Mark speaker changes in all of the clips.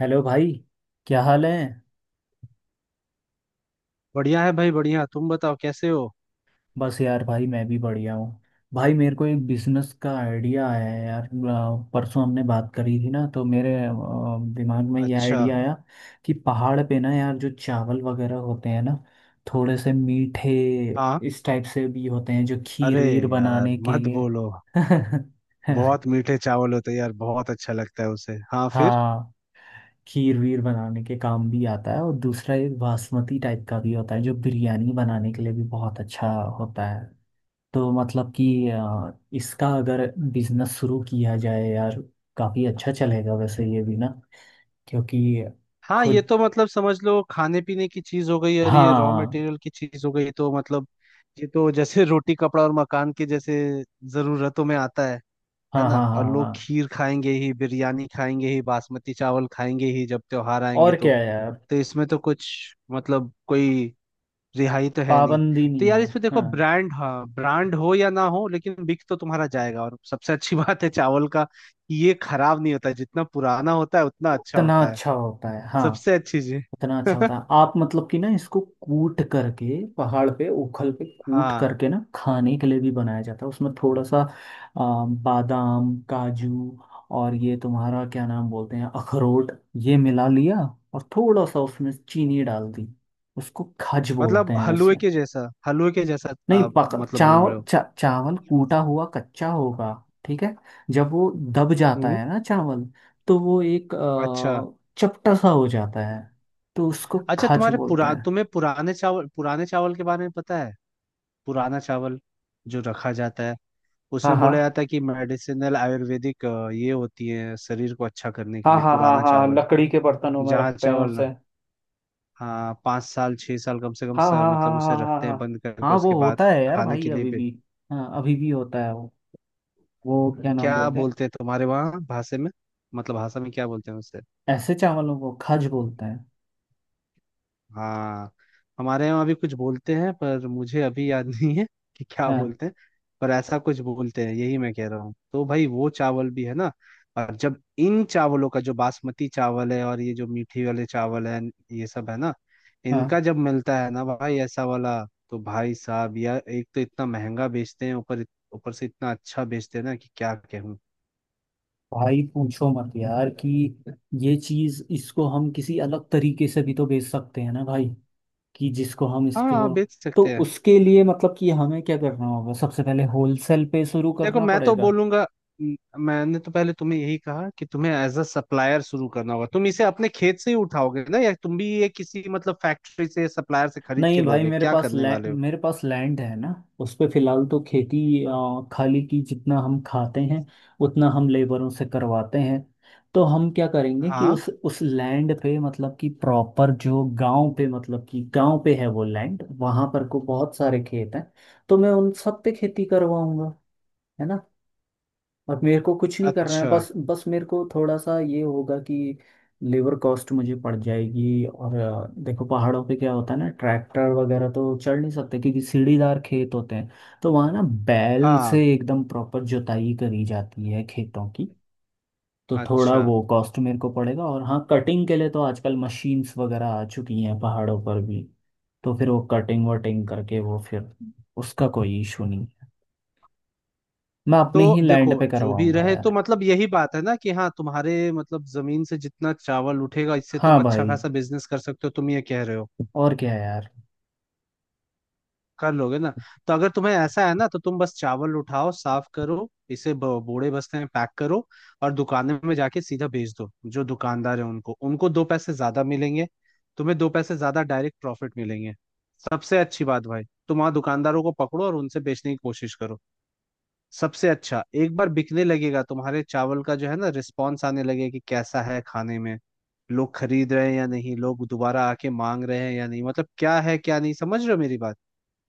Speaker 1: Hello भाई। क्या हाल है।
Speaker 2: बढ़िया है भाई बढ़िया। तुम बताओ कैसे हो।
Speaker 1: बस यार भाई मैं भी बढ़िया हूँ। भाई मेरे को एक बिजनेस का आइडिया आया है यार। परसों हमने बात करी थी ना, तो मेरे दिमाग में ये
Speaker 2: अच्छा।
Speaker 1: आइडिया आया कि पहाड़ पे ना यार जो चावल वगैरह होते हैं ना, थोड़े से मीठे
Speaker 2: हाँ।
Speaker 1: इस टाइप से भी होते हैं जो खीर
Speaker 2: अरे
Speaker 1: वीर
Speaker 2: यार
Speaker 1: बनाने के
Speaker 2: मत
Speaker 1: लिए।
Speaker 2: बोलो। बहुत मीठे चावल होते हैं यार। बहुत अच्छा लगता है उसे। हाँ फिर।
Speaker 1: हाँ, खीर वीर बनाने के काम भी आता है, और दूसरा एक बासमती टाइप का भी होता है जो बिरयानी बनाने के लिए भी बहुत अच्छा होता है। तो मतलब कि इसका अगर बिजनेस शुरू किया जाए यार, काफी अच्छा चलेगा वैसे ये भी ना, क्योंकि
Speaker 2: हाँ ये
Speaker 1: खुद।
Speaker 2: तो मतलब समझ लो खाने पीने की चीज हो गई और ये रॉ
Speaker 1: हाँ
Speaker 2: मटेरियल की चीज हो गई तो मतलब ये तो जैसे रोटी कपड़ा और मकान के जैसे जरूरतों में आता है। है
Speaker 1: हाँ
Speaker 2: ना।
Speaker 1: हाँ हाँ
Speaker 2: और लोग
Speaker 1: हाँ।
Speaker 2: खीर खाएंगे ही बिरयानी खाएंगे ही बासमती चावल खाएंगे ही जब त्योहार आएंगे
Speaker 1: और
Speaker 2: तो।
Speaker 1: क्या है यार।
Speaker 2: तो इसमें तो कुछ मतलब कोई रिहाई तो है नहीं।
Speaker 1: पाबंदी
Speaker 2: तो
Speaker 1: नहीं
Speaker 2: यार
Speaker 1: है,
Speaker 2: इसमें देखो
Speaker 1: हाँ।
Speaker 2: ब्रांड हाँ ब्रांड हो या ना हो लेकिन बिक तो तुम्हारा जाएगा। और सबसे अच्छी बात है चावल का कि ये खराब नहीं होता है। जितना पुराना होता है उतना अच्छा
Speaker 1: उतना
Speaker 2: होता है।
Speaker 1: अच्छा होता है, हाँ।
Speaker 2: सबसे अच्छी चीज।
Speaker 1: इतना अच्छा होता है आप, मतलब कि ना इसको कूट करके पहाड़ पे उखल पे कूट
Speaker 2: हाँ
Speaker 1: करके ना खाने के लिए भी बनाया जाता है। उसमें थोड़ा सा बादाम काजू और ये तुम्हारा क्या नाम बोलते हैं, अखरोट, ये मिला लिया, और थोड़ा सा उसमें चीनी डाल दी। उसको खज बोलते
Speaker 2: मतलब
Speaker 1: हैं वैसे।
Speaker 2: हलवे के जैसा
Speaker 1: नहीं
Speaker 2: आप
Speaker 1: पक,
Speaker 2: मतलब बोल रहे हो।
Speaker 1: चावल कूटा हुआ कच्चा होगा। ठीक है। जब वो दब जाता
Speaker 2: हम्म।
Speaker 1: है ना चावल, तो वो एक
Speaker 2: अच्छा।
Speaker 1: चपटा सा हो जाता है। तो उसको
Speaker 2: अच्छा
Speaker 1: खाज
Speaker 2: तुम्हारे
Speaker 1: बोलते
Speaker 2: पुरा
Speaker 1: हैं।
Speaker 2: तुम्हें पुराने चावल के बारे में पता है। पुराना चावल जो रखा जाता है
Speaker 1: हाँ
Speaker 2: उसमें बोला
Speaker 1: हाँ
Speaker 2: जाता है कि मेडिसिनल आयुर्वेदिक ये होती है शरीर को अच्छा करने के
Speaker 1: हाँ
Speaker 2: लिए
Speaker 1: हाँ हाँ
Speaker 2: पुराना
Speaker 1: हाँ,
Speaker 2: चावल।
Speaker 1: लकड़ी के बर्तनों में
Speaker 2: जहाँ
Speaker 1: रखते हैं
Speaker 2: चावल
Speaker 1: उसे।
Speaker 2: ना। हाँ 5 साल 6 साल कम से कम
Speaker 1: हाँ हाँ हाँ
Speaker 2: मतलब
Speaker 1: हाँ
Speaker 2: उसे
Speaker 1: हाँ
Speaker 2: रखते हैं
Speaker 1: हाँ
Speaker 2: बंद करके
Speaker 1: हाँ, वो
Speaker 2: उसके बाद
Speaker 1: होता है यार
Speaker 2: खाने
Speaker 1: भाई
Speaker 2: के लिए
Speaker 1: अभी
Speaker 2: भी।
Speaker 1: भी। हाँ, अभी भी होता है वो। वो क्या नाम
Speaker 2: क्या
Speaker 1: बोलते हैं,
Speaker 2: बोलते हैं तुम्हारे वहाँ भाषा में। मतलब भाषा में क्या बोलते हैं उसे।
Speaker 1: ऐसे चावलों को खाज बोलते हैं।
Speaker 2: हाँ। हमारे यहाँ भी कुछ बोलते हैं पर मुझे अभी याद नहीं है कि क्या
Speaker 1: हाँ।
Speaker 2: बोलते हैं। पर ऐसा कुछ बोलते हैं यही मैं कह रहा हूँ। तो भाई वो चावल भी है ना। और जब इन चावलों का जो बासमती चावल है और ये जो मीठी वाले चावल है ये सब है ना
Speaker 1: हाँ
Speaker 2: इनका जब मिलता है ना भाई ऐसा वाला तो भाई साहब यार एक तो इतना महंगा बेचते हैं ऊपर। ऊपर से इतना अच्छा बेचते हैं ना कि क्या कहूँ।
Speaker 1: भाई पूछो मत यार कि ये चीज, इसको हम किसी अलग तरीके से भी तो बेच सकते हैं ना भाई, कि जिसको हम
Speaker 2: हाँ
Speaker 1: इसको,
Speaker 2: बेच
Speaker 1: तो
Speaker 2: सकते हैं।
Speaker 1: उसके लिए मतलब कि हमें क्या करना होगा? सबसे पहले होलसेल पे शुरू
Speaker 2: देखो
Speaker 1: करना
Speaker 2: मैं तो
Speaker 1: पड़ेगा।
Speaker 2: बोलूंगा। म- मैंने तो पहले तुम्हें यही कहा कि तुम्हें एज अ सप्लायर शुरू करना होगा। तुम इसे अपने खेत से ही उठाओगे ना या तुम भी ये किसी मतलब फैक्ट्री से सप्लायर से खरीद
Speaker 1: नहीं
Speaker 2: के
Speaker 1: भाई,
Speaker 2: लोगे क्या करने वाले हो।
Speaker 1: मेरे पास लैंड है ना। उस पे फिलहाल तो खेती
Speaker 2: हाँ
Speaker 1: खाली की, जितना हम खाते हैं उतना हम लेबरों से करवाते हैं। तो हम क्या करेंगे कि
Speaker 2: हाँ।
Speaker 1: उस लैंड पे, मतलब कि प्रॉपर जो गांव पे, मतलब कि गांव पे है वो लैंड, वहां पर को बहुत सारे खेत हैं। तो मैं उन सब पे खेती करवाऊंगा, है ना। अब मेरे को कुछ नहीं करना है,
Speaker 2: अच्छा।
Speaker 1: बस बस मेरे को थोड़ा सा ये होगा कि लेबर कॉस्ट मुझे पड़ जाएगी, और देखो पहाड़ों पे क्या होता है ना, ट्रैक्टर वगैरह तो चढ़ नहीं सकते क्योंकि सीढ़ीदार खेत होते हैं। तो वहाँ ना बैल
Speaker 2: हाँ
Speaker 1: से एकदम प्रॉपर जुताई करी जाती है खेतों की। तो थोड़ा
Speaker 2: अच्छा।
Speaker 1: वो कॉस्ट मेरे को पड़ेगा, और हाँ कटिंग के लिए तो आजकल मशीन्स वगैरह आ चुकी हैं पहाड़ों पर भी। तो फिर वो कटिंग वटिंग करके वो फिर, उसका कोई इशू नहीं है। मैं अपने
Speaker 2: तो
Speaker 1: ही
Speaker 2: देखो
Speaker 1: लैंड पे
Speaker 2: जो भी
Speaker 1: करवाऊंगा
Speaker 2: रहे तो
Speaker 1: यार।
Speaker 2: मतलब यही बात है ना कि हाँ तुम्हारे मतलब जमीन से जितना चावल उठेगा इससे
Speaker 1: हाँ
Speaker 2: तुम अच्छा
Speaker 1: भाई,
Speaker 2: खासा बिजनेस कर सकते हो तुम ये कह रहे हो।
Speaker 1: और क्या यार।
Speaker 2: कर लोगे ना। तो अगर तुम्हें ऐसा है ना तो तुम बस चावल उठाओ साफ करो इसे बोड़े बस्ते में पैक करो और दुकान में जाके सीधा भेज दो। जो दुकानदार है उनको उनको दो पैसे ज्यादा मिलेंगे। तुम्हें दो पैसे ज्यादा डायरेक्ट प्रॉफिट मिलेंगे। सबसे अच्छी बात भाई तुम वहां दुकानदारों को पकड़ो और उनसे बेचने की कोशिश करो। सबसे अच्छा एक बार बिकने लगेगा तुम्हारे चावल का जो है ना रिस्पॉन्स आने लगेगा कि कैसा है खाने में लोग खरीद रहे हैं या नहीं लोग दोबारा आके मांग रहे हैं या नहीं मतलब क्या है क्या नहीं समझ रहे हो मेरी बात।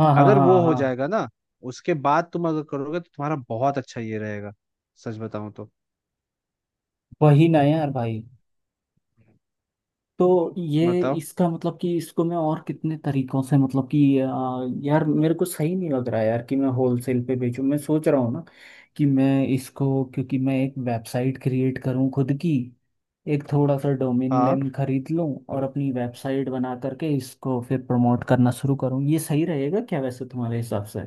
Speaker 1: हाँ हाँ
Speaker 2: अगर
Speaker 1: हाँ
Speaker 2: वो
Speaker 1: हाँ
Speaker 2: हो
Speaker 1: हाँ।
Speaker 2: जाएगा ना उसके बाद तुम अगर करोगे तो तुम्हारा बहुत अच्छा ये रहेगा सच बताऊं तो।
Speaker 1: वही ना यार भाई, तो ये
Speaker 2: बताओ।
Speaker 1: इसका मतलब कि इसको मैं और कितने तरीकों से, मतलब कि यार मेरे को सही नहीं लग रहा यार कि मैं होलसेल पे बेचूं, मैं सोच रहा हूँ ना कि मैं इसको, क्योंकि मैं एक वेबसाइट क्रिएट करूँ खुद की, एक थोड़ा सा डोमेन
Speaker 2: हाँ
Speaker 1: नेम खरीद लूँ और अपनी वेबसाइट बना करके इसको फिर प्रमोट करना शुरू करूँ। ये सही रहेगा क्या वैसे तुम्हारे हिसाब से?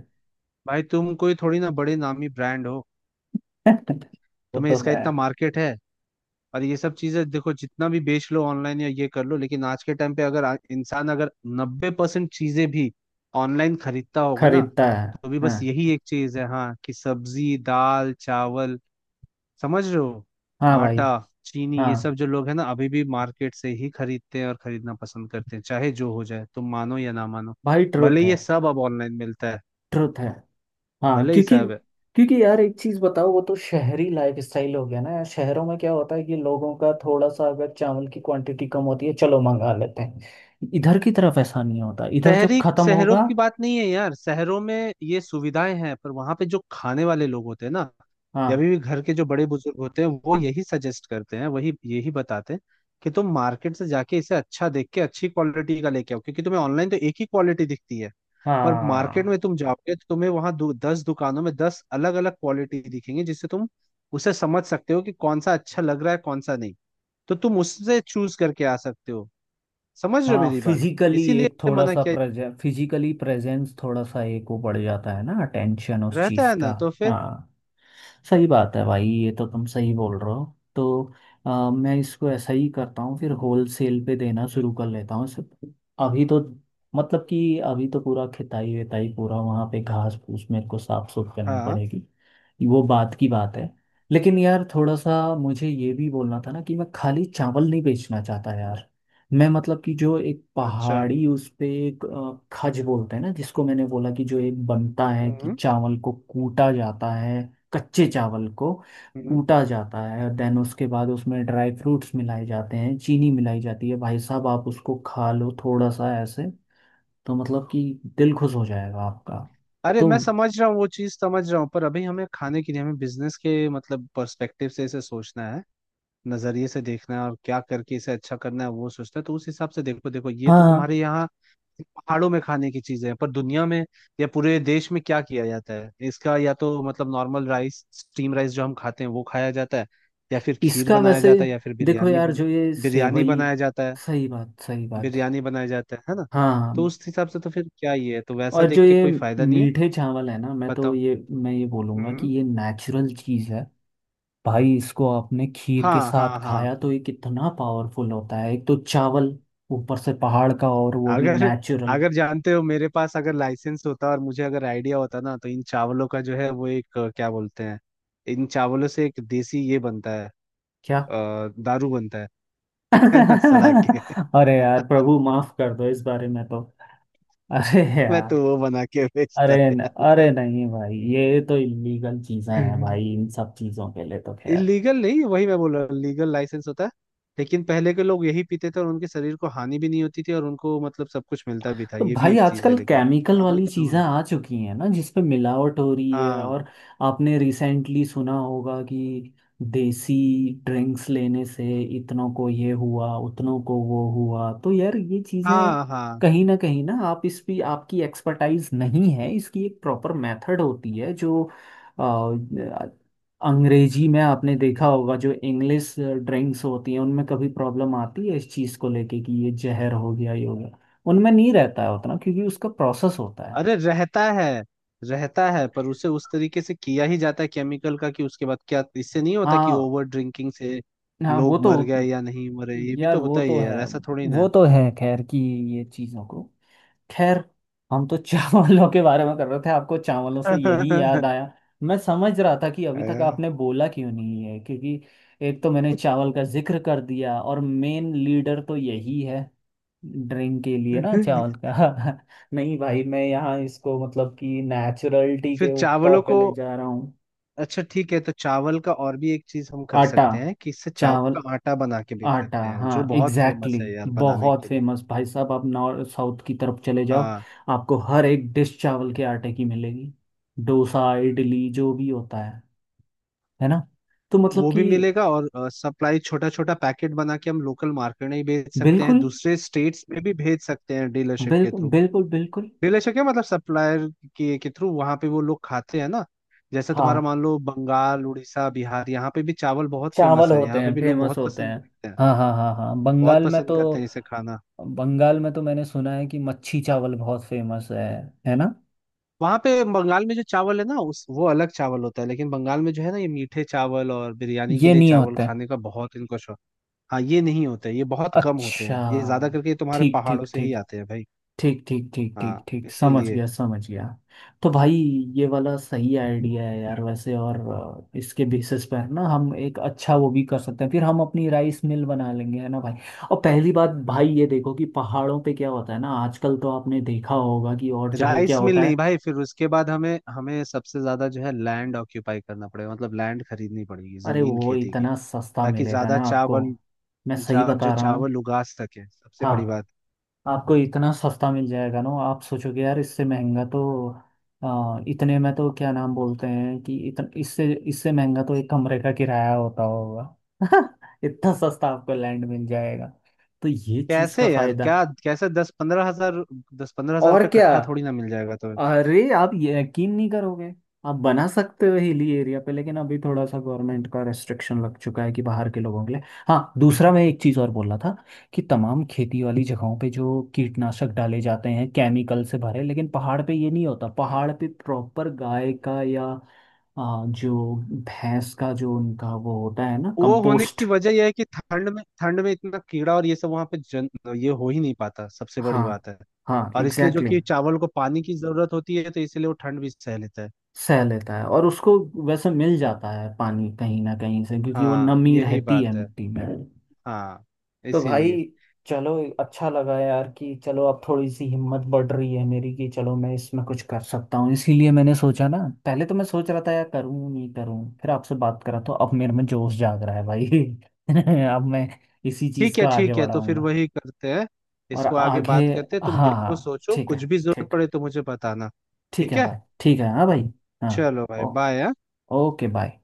Speaker 2: भाई तुम कोई थोड़ी ना बड़े नामी ब्रांड हो।
Speaker 1: वो
Speaker 2: तुम्हें
Speaker 1: तो
Speaker 2: इसका
Speaker 1: है।
Speaker 2: इतना मार्केट है। और ये सब चीजें देखो जितना भी बेच लो ऑनलाइन या ये कर लो लेकिन आज के टाइम पे अगर इंसान अगर 90% चीजें भी ऑनलाइन खरीदता होगा ना
Speaker 1: खरीदता है।
Speaker 2: तो भी
Speaker 1: हाँ।
Speaker 2: बस यही एक चीज है हाँ कि सब्जी दाल चावल समझ रहे हो।
Speaker 1: हाँ भाई।
Speaker 2: आटा चीनी ये
Speaker 1: हाँ
Speaker 2: सब जो लोग हैं ना अभी भी मार्केट से ही खरीदते हैं और खरीदना पसंद करते हैं चाहे जो हो जाए तुम मानो या ना मानो।
Speaker 1: भाई
Speaker 2: भले
Speaker 1: ट्रुथ है।
Speaker 2: ये सब अब ऑनलाइन मिलता है
Speaker 1: ट्रुथ है। हाँ,
Speaker 2: भले ही
Speaker 1: क्योंकि,
Speaker 2: सब है
Speaker 1: क्योंकि यार एक चीज बताओ, वो तो शहरी लाइफ स्टाइल हो गया ना यार। शहरों में क्या होता है कि लोगों का थोड़ा सा अगर चावल की क्वांटिटी कम होती है, चलो मंगा लेते हैं। इधर की तरफ ऐसा नहीं होता, इधर जब
Speaker 2: शहरी
Speaker 1: खत्म
Speaker 2: शहरों
Speaker 1: होगा।
Speaker 2: की बात नहीं है यार। शहरों में ये सुविधाएं हैं पर वहां पे जो खाने वाले लोग होते हैं ना या
Speaker 1: हाँ
Speaker 2: अभी भी घर के जो बड़े बुजुर्ग होते हैं वो यही सजेस्ट करते हैं वही यही बताते हैं कि तुम मार्केट से जाके इसे अच्छा देख के अच्छी क्वालिटी का लेके आओ क्योंकि तुम्हें ऑनलाइन तो एक ही क्वालिटी दिखती है। पर मार्केट
Speaker 1: हाँ
Speaker 2: में तुम जाओगे तो तुम्हें वहां 10 दुकानों में 10 अलग अलग क्वालिटी दिखेंगी जिससे तुम उसे समझ सकते हो कि कौन सा अच्छा लग रहा है कौन सा नहीं। तो तुम उससे चूज करके आ सकते हो। समझ रहे हो
Speaker 1: हाँ।
Speaker 2: मेरी बात।
Speaker 1: फिजिकली
Speaker 2: इसीलिए
Speaker 1: एक थोड़ा
Speaker 2: मना
Speaker 1: सा
Speaker 2: किया
Speaker 1: प्रेजे फिजिकली प्रेजेंस थोड़ा सा एक वो बढ़ जाता है ना, अटेंशन उस
Speaker 2: रहता
Speaker 1: चीज
Speaker 2: है
Speaker 1: का।
Speaker 2: ना तो फिर।
Speaker 1: हाँ, सही बात है भाई, ये तो तुम सही बोल रहे हो। तो मैं इसको ऐसा ही करता हूँ, फिर होल सेल पे देना शुरू कर लेता हूँ इसे। अभी तो, मतलब कि अभी तो पूरा खिताई विताई पूरा वहाँ पे घास फूस मेरे को साफ सुफ करनी
Speaker 2: हाँ।
Speaker 1: पड़ेगी। वो बात की बात है। लेकिन यार थोड़ा सा मुझे ये भी बोलना था ना कि मैं खाली चावल नहीं बेचना चाहता यार। मैं मतलब कि जो एक
Speaker 2: अच्छा।
Speaker 1: पहाड़ी, उस पे एक खज बोलते हैं ना, जिसको मैंने बोला कि जो एक बनता है कि
Speaker 2: हम्म।
Speaker 1: चावल को कूटा जाता है, कच्चे चावल को
Speaker 2: हम्म।
Speaker 1: कूटा जाता है, देन उसके बाद उसमें ड्राई फ्रूट्स मिलाए जाते हैं, चीनी मिलाई जाती है। भाई साहब आप उसको खा लो थोड़ा सा ऐसे, तो मतलब कि दिल खुश हो जाएगा आपका।
Speaker 2: अरे
Speaker 1: तो
Speaker 2: मैं समझ रहा हूँ वो चीज समझ रहा हूँ पर अभी हमें खाने के लिए हमें बिजनेस के मतलब पर्सपेक्टिव से इसे सोचना है नजरिए से देखना है और क्या करके इसे अच्छा करना है वो सोचना है। तो उस हिसाब से देखो देखो ये तो
Speaker 1: हाँ,
Speaker 2: तुम्हारे यहाँ पहाड़ों में खाने की चीजें हैं। पर दुनिया में या पूरे देश में क्या किया जाता है इसका या तो मतलब नॉर्मल राइस स्टीम राइस जो हम खाते हैं वो खाया जाता है या फिर खीर
Speaker 1: इसका
Speaker 2: बनाया
Speaker 1: वैसे
Speaker 2: जाता है या फिर
Speaker 1: देखो
Speaker 2: बिरयानी
Speaker 1: यार
Speaker 2: बन
Speaker 1: जो ये
Speaker 2: बिरयानी
Speaker 1: सेवई।
Speaker 2: बनाया जाता है
Speaker 1: सही बात, सही बात।
Speaker 2: बिरयानी बनाया जाता है ना।
Speaker 1: हाँ
Speaker 2: तो उस हिसाब से तो फिर क्या ही है तो वैसा
Speaker 1: और जो
Speaker 2: देख के
Speaker 1: ये
Speaker 2: कोई फायदा नहीं है।
Speaker 1: मीठे चावल है ना, मैं तो
Speaker 2: बताओ।
Speaker 1: ये, मैं ये बोलूँगा कि
Speaker 2: हम्म।
Speaker 1: ये नेचुरल चीज़ है भाई। इसको आपने खीर के
Speaker 2: हाँ
Speaker 1: साथ
Speaker 2: हाँ हाँ।
Speaker 1: खाया तो ये कितना पावरफुल होता है, एक तो चावल, ऊपर से पहाड़ का और वो भी
Speaker 2: अगर
Speaker 1: नेचुरल।
Speaker 2: अगर जानते हो मेरे पास अगर लाइसेंस होता और मुझे अगर आइडिया होता ना तो इन चावलों का जो है वो एक क्या बोलते हैं इन चावलों से एक देसी ये बनता है
Speaker 1: क्या?
Speaker 2: दारू बनता है ना सड़ा के
Speaker 1: अरे यार प्रभु माफ कर दो, इस बारे में तो, अरे
Speaker 2: मैं
Speaker 1: यार,
Speaker 2: तो वो बना के बेचता यार।
Speaker 1: अरे नहीं भाई, ये तो इलीगल चीज़ें हैं भाई। इन सब चीज़ों के लिए तो खैर।
Speaker 2: इलीगल नहीं वही मैं बोल रहा हूँ लीगल लाइसेंस होता है। लेकिन पहले के लोग यही पीते थे और उनके शरीर को हानि भी नहीं होती थी और उनको मतलब सब कुछ मिलता भी था
Speaker 1: तो
Speaker 2: ये भी
Speaker 1: भाई
Speaker 2: एक चीज है
Speaker 1: आजकल
Speaker 2: लेकिन
Speaker 1: केमिकल
Speaker 2: मानो
Speaker 1: वाली
Speaker 2: या ना
Speaker 1: चीज़ें
Speaker 2: मानो।
Speaker 1: आ चुकी हैं ना, जिसपे मिलावट हो रही है,
Speaker 2: हाँ
Speaker 1: और आपने रिसेंटली सुना होगा कि देसी ड्रिंक्स लेने से इतनों को ये हुआ उतनों को वो हुआ। तो यार ये चीज़ें
Speaker 2: हाँ हाँ।
Speaker 1: कहीं ना कहीं ना, आप इस भी आपकी एक्सपर्टाइज नहीं है, इसकी एक प्रॉपर मेथड होती है जो, अ, अंग्रेजी में आपने देखा होगा जो इंग्लिश ड्रिंक्स होती हैं, उनमें कभी प्रॉब्लम आती है इस चीज़ को लेके कि ये जहर हो गया ये हो गया। उनमें नहीं रहता है उतना, क्योंकि उसका प्रोसेस होता है।
Speaker 2: अरे रहता है। रहता है पर उसे उस तरीके से किया ही जाता है केमिकल का कि उसके बाद क्या इससे नहीं होता कि
Speaker 1: हाँ,
Speaker 2: ओवर ड्रिंकिंग से
Speaker 1: हाँ वो
Speaker 2: लोग
Speaker 1: तो,
Speaker 2: मर गए या नहीं मरे ये भी
Speaker 1: यार
Speaker 2: तो
Speaker 1: वो
Speaker 2: होता ही
Speaker 1: तो
Speaker 2: है यार
Speaker 1: है,
Speaker 2: ऐसा थोड़ी
Speaker 1: वो
Speaker 2: ना
Speaker 1: तो है खैर कि ये चीज़ों को, खैर हम तो चावलों के बारे में कर रहे थे, आपको चावलों से यही
Speaker 2: है।
Speaker 1: याद आया। मैं समझ रहा था कि अभी तक
Speaker 2: आया।
Speaker 1: आपने बोला क्यों नहीं है, क्योंकि एक तो मैंने चावल का जिक्र कर दिया और मेन लीडर तो यही है ड्रिंक के लिए ना, चावल का। नहीं भाई मैं यहाँ इसको मतलब कि नेचुरलिटी
Speaker 2: फिर
Speaker 1: के ऊपर
Speaker 2: चावलों
Speaker 1: पे
Speaker 2: को
Speaker 1: ले जा रहा हूँ।
Speaker 2: अच्छा ठीक है तो चावल का और भी एक चीज हम कर
Speaker 1: आटा
Speaker 2: सकते हैं कि इससे चावल
Speaker 1: चावल
Speaker 2: का आटा बना के बेच
Speaker 1: आटा
Speaker 2: सकते हैं जो
Speaker 1: हाँ
Speaker 2: बहुत
Speaker 1: एग्जैक्टली,
Speaker 2: फेमस है यार
Speaker 1: exactly.
Speaker 2: बनाने
Speaker 1: बहुत
Speaker 2: के लिए।
Speaker 1: फेमस भाई साहब, आप नॉर्थ साउथ की तरफ चले जाओ,
Speaker 2: हाँ
Speaker 1: आपको हर एक डिश चावल के आटे की मिलेगी। डोसा इडली जो भी होता है ना। तो मतलब
Speaker 2: वो
Speaker 1: कि
Speaker 2: भी मिलेगा और सप्लाई छोटा छोटा पैकेट बना के हम लोकल मार्केट में ही बेच सकते हैं।
Speaker 1: बिल्कुल
Speaker 2: दूसरे स्टेट्स में भी भेज सकते हैं डीलरशिप के
Speaker 1: बिल्कुल
Speaker 2: थ्रू।
Speaker 1: बिल्कुल बिल्कुल।
Speaker 2: डीलरशिप क्या मतलब सप्लायर के थ्रू वहां पे वो लोग खाते हैं ना। जैसे तुम्हारा
Speaker 1: हाँ
Speaker 2: मान लो बंगाल उड़ीसा बिहार यहाँ पे भी चावल बहुत
Speaker 1: चावल
Speaker 2: फेमस है
Speaker 1: होते
Speaker 2: यहाँ पे
Speaker 1: हैं,
Speaker 2: भी लोग
Speaker 1: फेमस
Speaker 2: बहुत
Speaker 1: होते
Speaker 2: पसंद
Speaker 1: हैं।
Speaker 2: करते हैं।
Speaker 1: हाँ हाँ हाँ हाँ,
Speaker 2: बहुत
Speaker 1: बंगाल में
Speaker 2: पसंद
Speaker 1: तो,
Speaker 2: करते हैं इसे खाना।
Speaker 1: बंगाल में तो मैंने सुना है कि मच्छी चावल बहुत फेमस है ना,
Speaker 2: वहां पे बंगाल में जो चावल है ना उस वो अलग चावल होता है लेकिन बंगाल में जो है ना ये मीठे चावल और बिरयानी के
Speaker 1: ये
Speaker 2: लिए
Speaker 1: नहीं
Speaker 2: चावल
Speaker 1: होते।
Speaker 2: खाने का बहुत इनको शौक। हाँ ये नहीं होता है ये बहुत कम होते
Speaker 1: अच्छा,
Speaker 2: हैं ये ज्यादा करके ये तुम्हारे
Speaker 1: ठीक ठीक
Speaker 2: पहाड़ों से ही
Speaker 1: ठीक,
Speaker 2: आते हैं भाई।
Speaker 1: ठीक ठीक ठीक ठीक
Speaker 2: हाँ
Speaker 1: ठीक, समझ
Speaker 2: इसीलिए।
Speaker 1: गया समझ गया। तो भाई ये वाला सही आइडिया है यार वैसे, और इसके बेसिस पर ना हम एक अच्छा वो भी कर सकते हैं, फिर हम अपनी राइस मिल बना लेंगे, है ना भाई। और पहली बात भाई ये देखो कि पहाड़ों पे क्या होता है ना, आजकल तो आपने देखा होगा कि और जगह क्या
Speaker 2: राइस मिल
Speaker 1: होता
Speaker 2: नहीं
Speaker 1: है।
Speaker 2: भाई फिर उसके बाद हमें हमें सबसे ज्यादा जो है लैंड ऑक्यूपाई करना पड़ेगा मतलब लैंड खरीदनी पड़ेगी
Speaker 1: अरे
Speaker 2: जमीन
Speaker 1: वो
Speaker 2: खेती की
Speaker 1: इतना सस्ता
Speaker 2: ताकि
Speaker 1: मिलेगा
Speaker 2: ज्यादा
Speaker 1: ना आपको,
Speaker 2: चावल
Speaker 1: मैं सही
Speaker 2: जो
Speaker 1: बता रहा हूँ।
Speaker 2: चावल उगा सके सबसे
Speaker 1: हाँ,
Speaker 2: बड़ी बात।
Speaker 1: आपको इतना सस्ता मिल जाएगा ना, आप सोचोगे यार इससे महंगा तो, इतने में तो क्या नाम बोलते हैं कि इससे इससे महंगा तो एक कमरे का किराया होता होगा। इतना सस्ता आपको लैंड मिल जाएगा, तो ये चीज़
Speaker 2: कैसे
Speaker 1: का
Speaker 2: यार
Speaker 1: फायदा।
Speaker 2: क्या कैसे दस पंद्रह हजार
Speaker 1: और
Speaker 2: रुपये
Speaker 1: क्या,
Speaker 2: कट्ठा थोड़ी ना मिल जाएगा तुम्हें।
Speaker 1: अरे आप ये यकीन नहीं करोगे। आप बना सकते हो हिली एरिया पे, लेकिन अभी थोड़ा सा गवर्नमेंट का रेस्ट्रिक्शन लग चुका है कि बाहर के लोगों के लिए। हाँ, दूसरा मैं एक चीज़ और बोल रहा था कि तमाम खेती वाली जगहों पे जो कीटनाशक डाले जाते हैं केमिकल से भरे, लेकिन पहाड़ पे ये नहीं होता, पहाड़ पे प्रॉपर गाय का या जो भैंस का, जो उनका वो होता है ना,
Speaker 2: वो होने
Speaker 1: कंपोस्ट।
Speaker 2: की वजह यह है कि ठंड में इतना कीड़ा और ये सब वहां पे जन ये हो ही नहीं पाता सबसे बड़ी
Speaker 1: हाँ,
Speaker 2: बात है।
Speaker 1: हाँ
Speaker 2: और इसलिए जो
Speaker 1: एग्जैक्टली,
Speaker 2: कि चावल को पानी की जरूरत होती है तो इसीलिए वो ठंड भी सह लेता है।
Speaker 1: सह लेता है और उसको वैसे मिल जाता है पानी कहीं ना कहीं से, क्योंकि वो
Speaker 2: हाँ
Speaker 1: नमी
Speaker 2: यही
Speaker 1: रहती है
Speaker 2: बात है।
Speaker 1: मिट्टी में।
Speaker 2: हाँ
Speaker 1: तो भाई
Speaker 2: इसीलिए।
Speaker 1: चलो, अच्छा लगा यार, कि चलो अब थोड़ी सी हिम्मत बढ़ रही है मेरी कि चलो मैं इसमें कुछ कर सकता हूँ। इसीलिए मैंने सोचा ना, पहले तो मैं सोच रहा था यार करूँ नहीं करूँ, फिर आपसे बात करा तो अब मेरे में जोश जाग रहा है भाई। अब मैं इसी चीज़ का आगे
Speaker 2: ठीक है तो फिर
Speaker 1: बढ़ाऊंगा।
Speaker 2: वही करते हैं।
Speaker 1: और
Speaker 2: इसको आगे
Speaker 1: आगे,
Speaker 2: बात करते हैं तुम
Speaker 1: हाँ हाँ,
Speaker 2: देखो सोचो
Speaker 1: ठीक
Speaker 2: कुछ
Speaker 1: है
Speaker 2: भी जरूरत
Speaker 1: ठीक है,
Speaker 2: पड़े तो मुझे बताना।
Speaker 1: ठीक
Speaker 2: ठीक
Speaker 1: है
Speaker 2: है।
Speaker 1: भाई ठीक है, हाँ भाई, हाँ।
Speaker 2: चलो भाई
Speaker 1: ओ,
Speaker 2: बाय।
Speaker 1: Okay bye.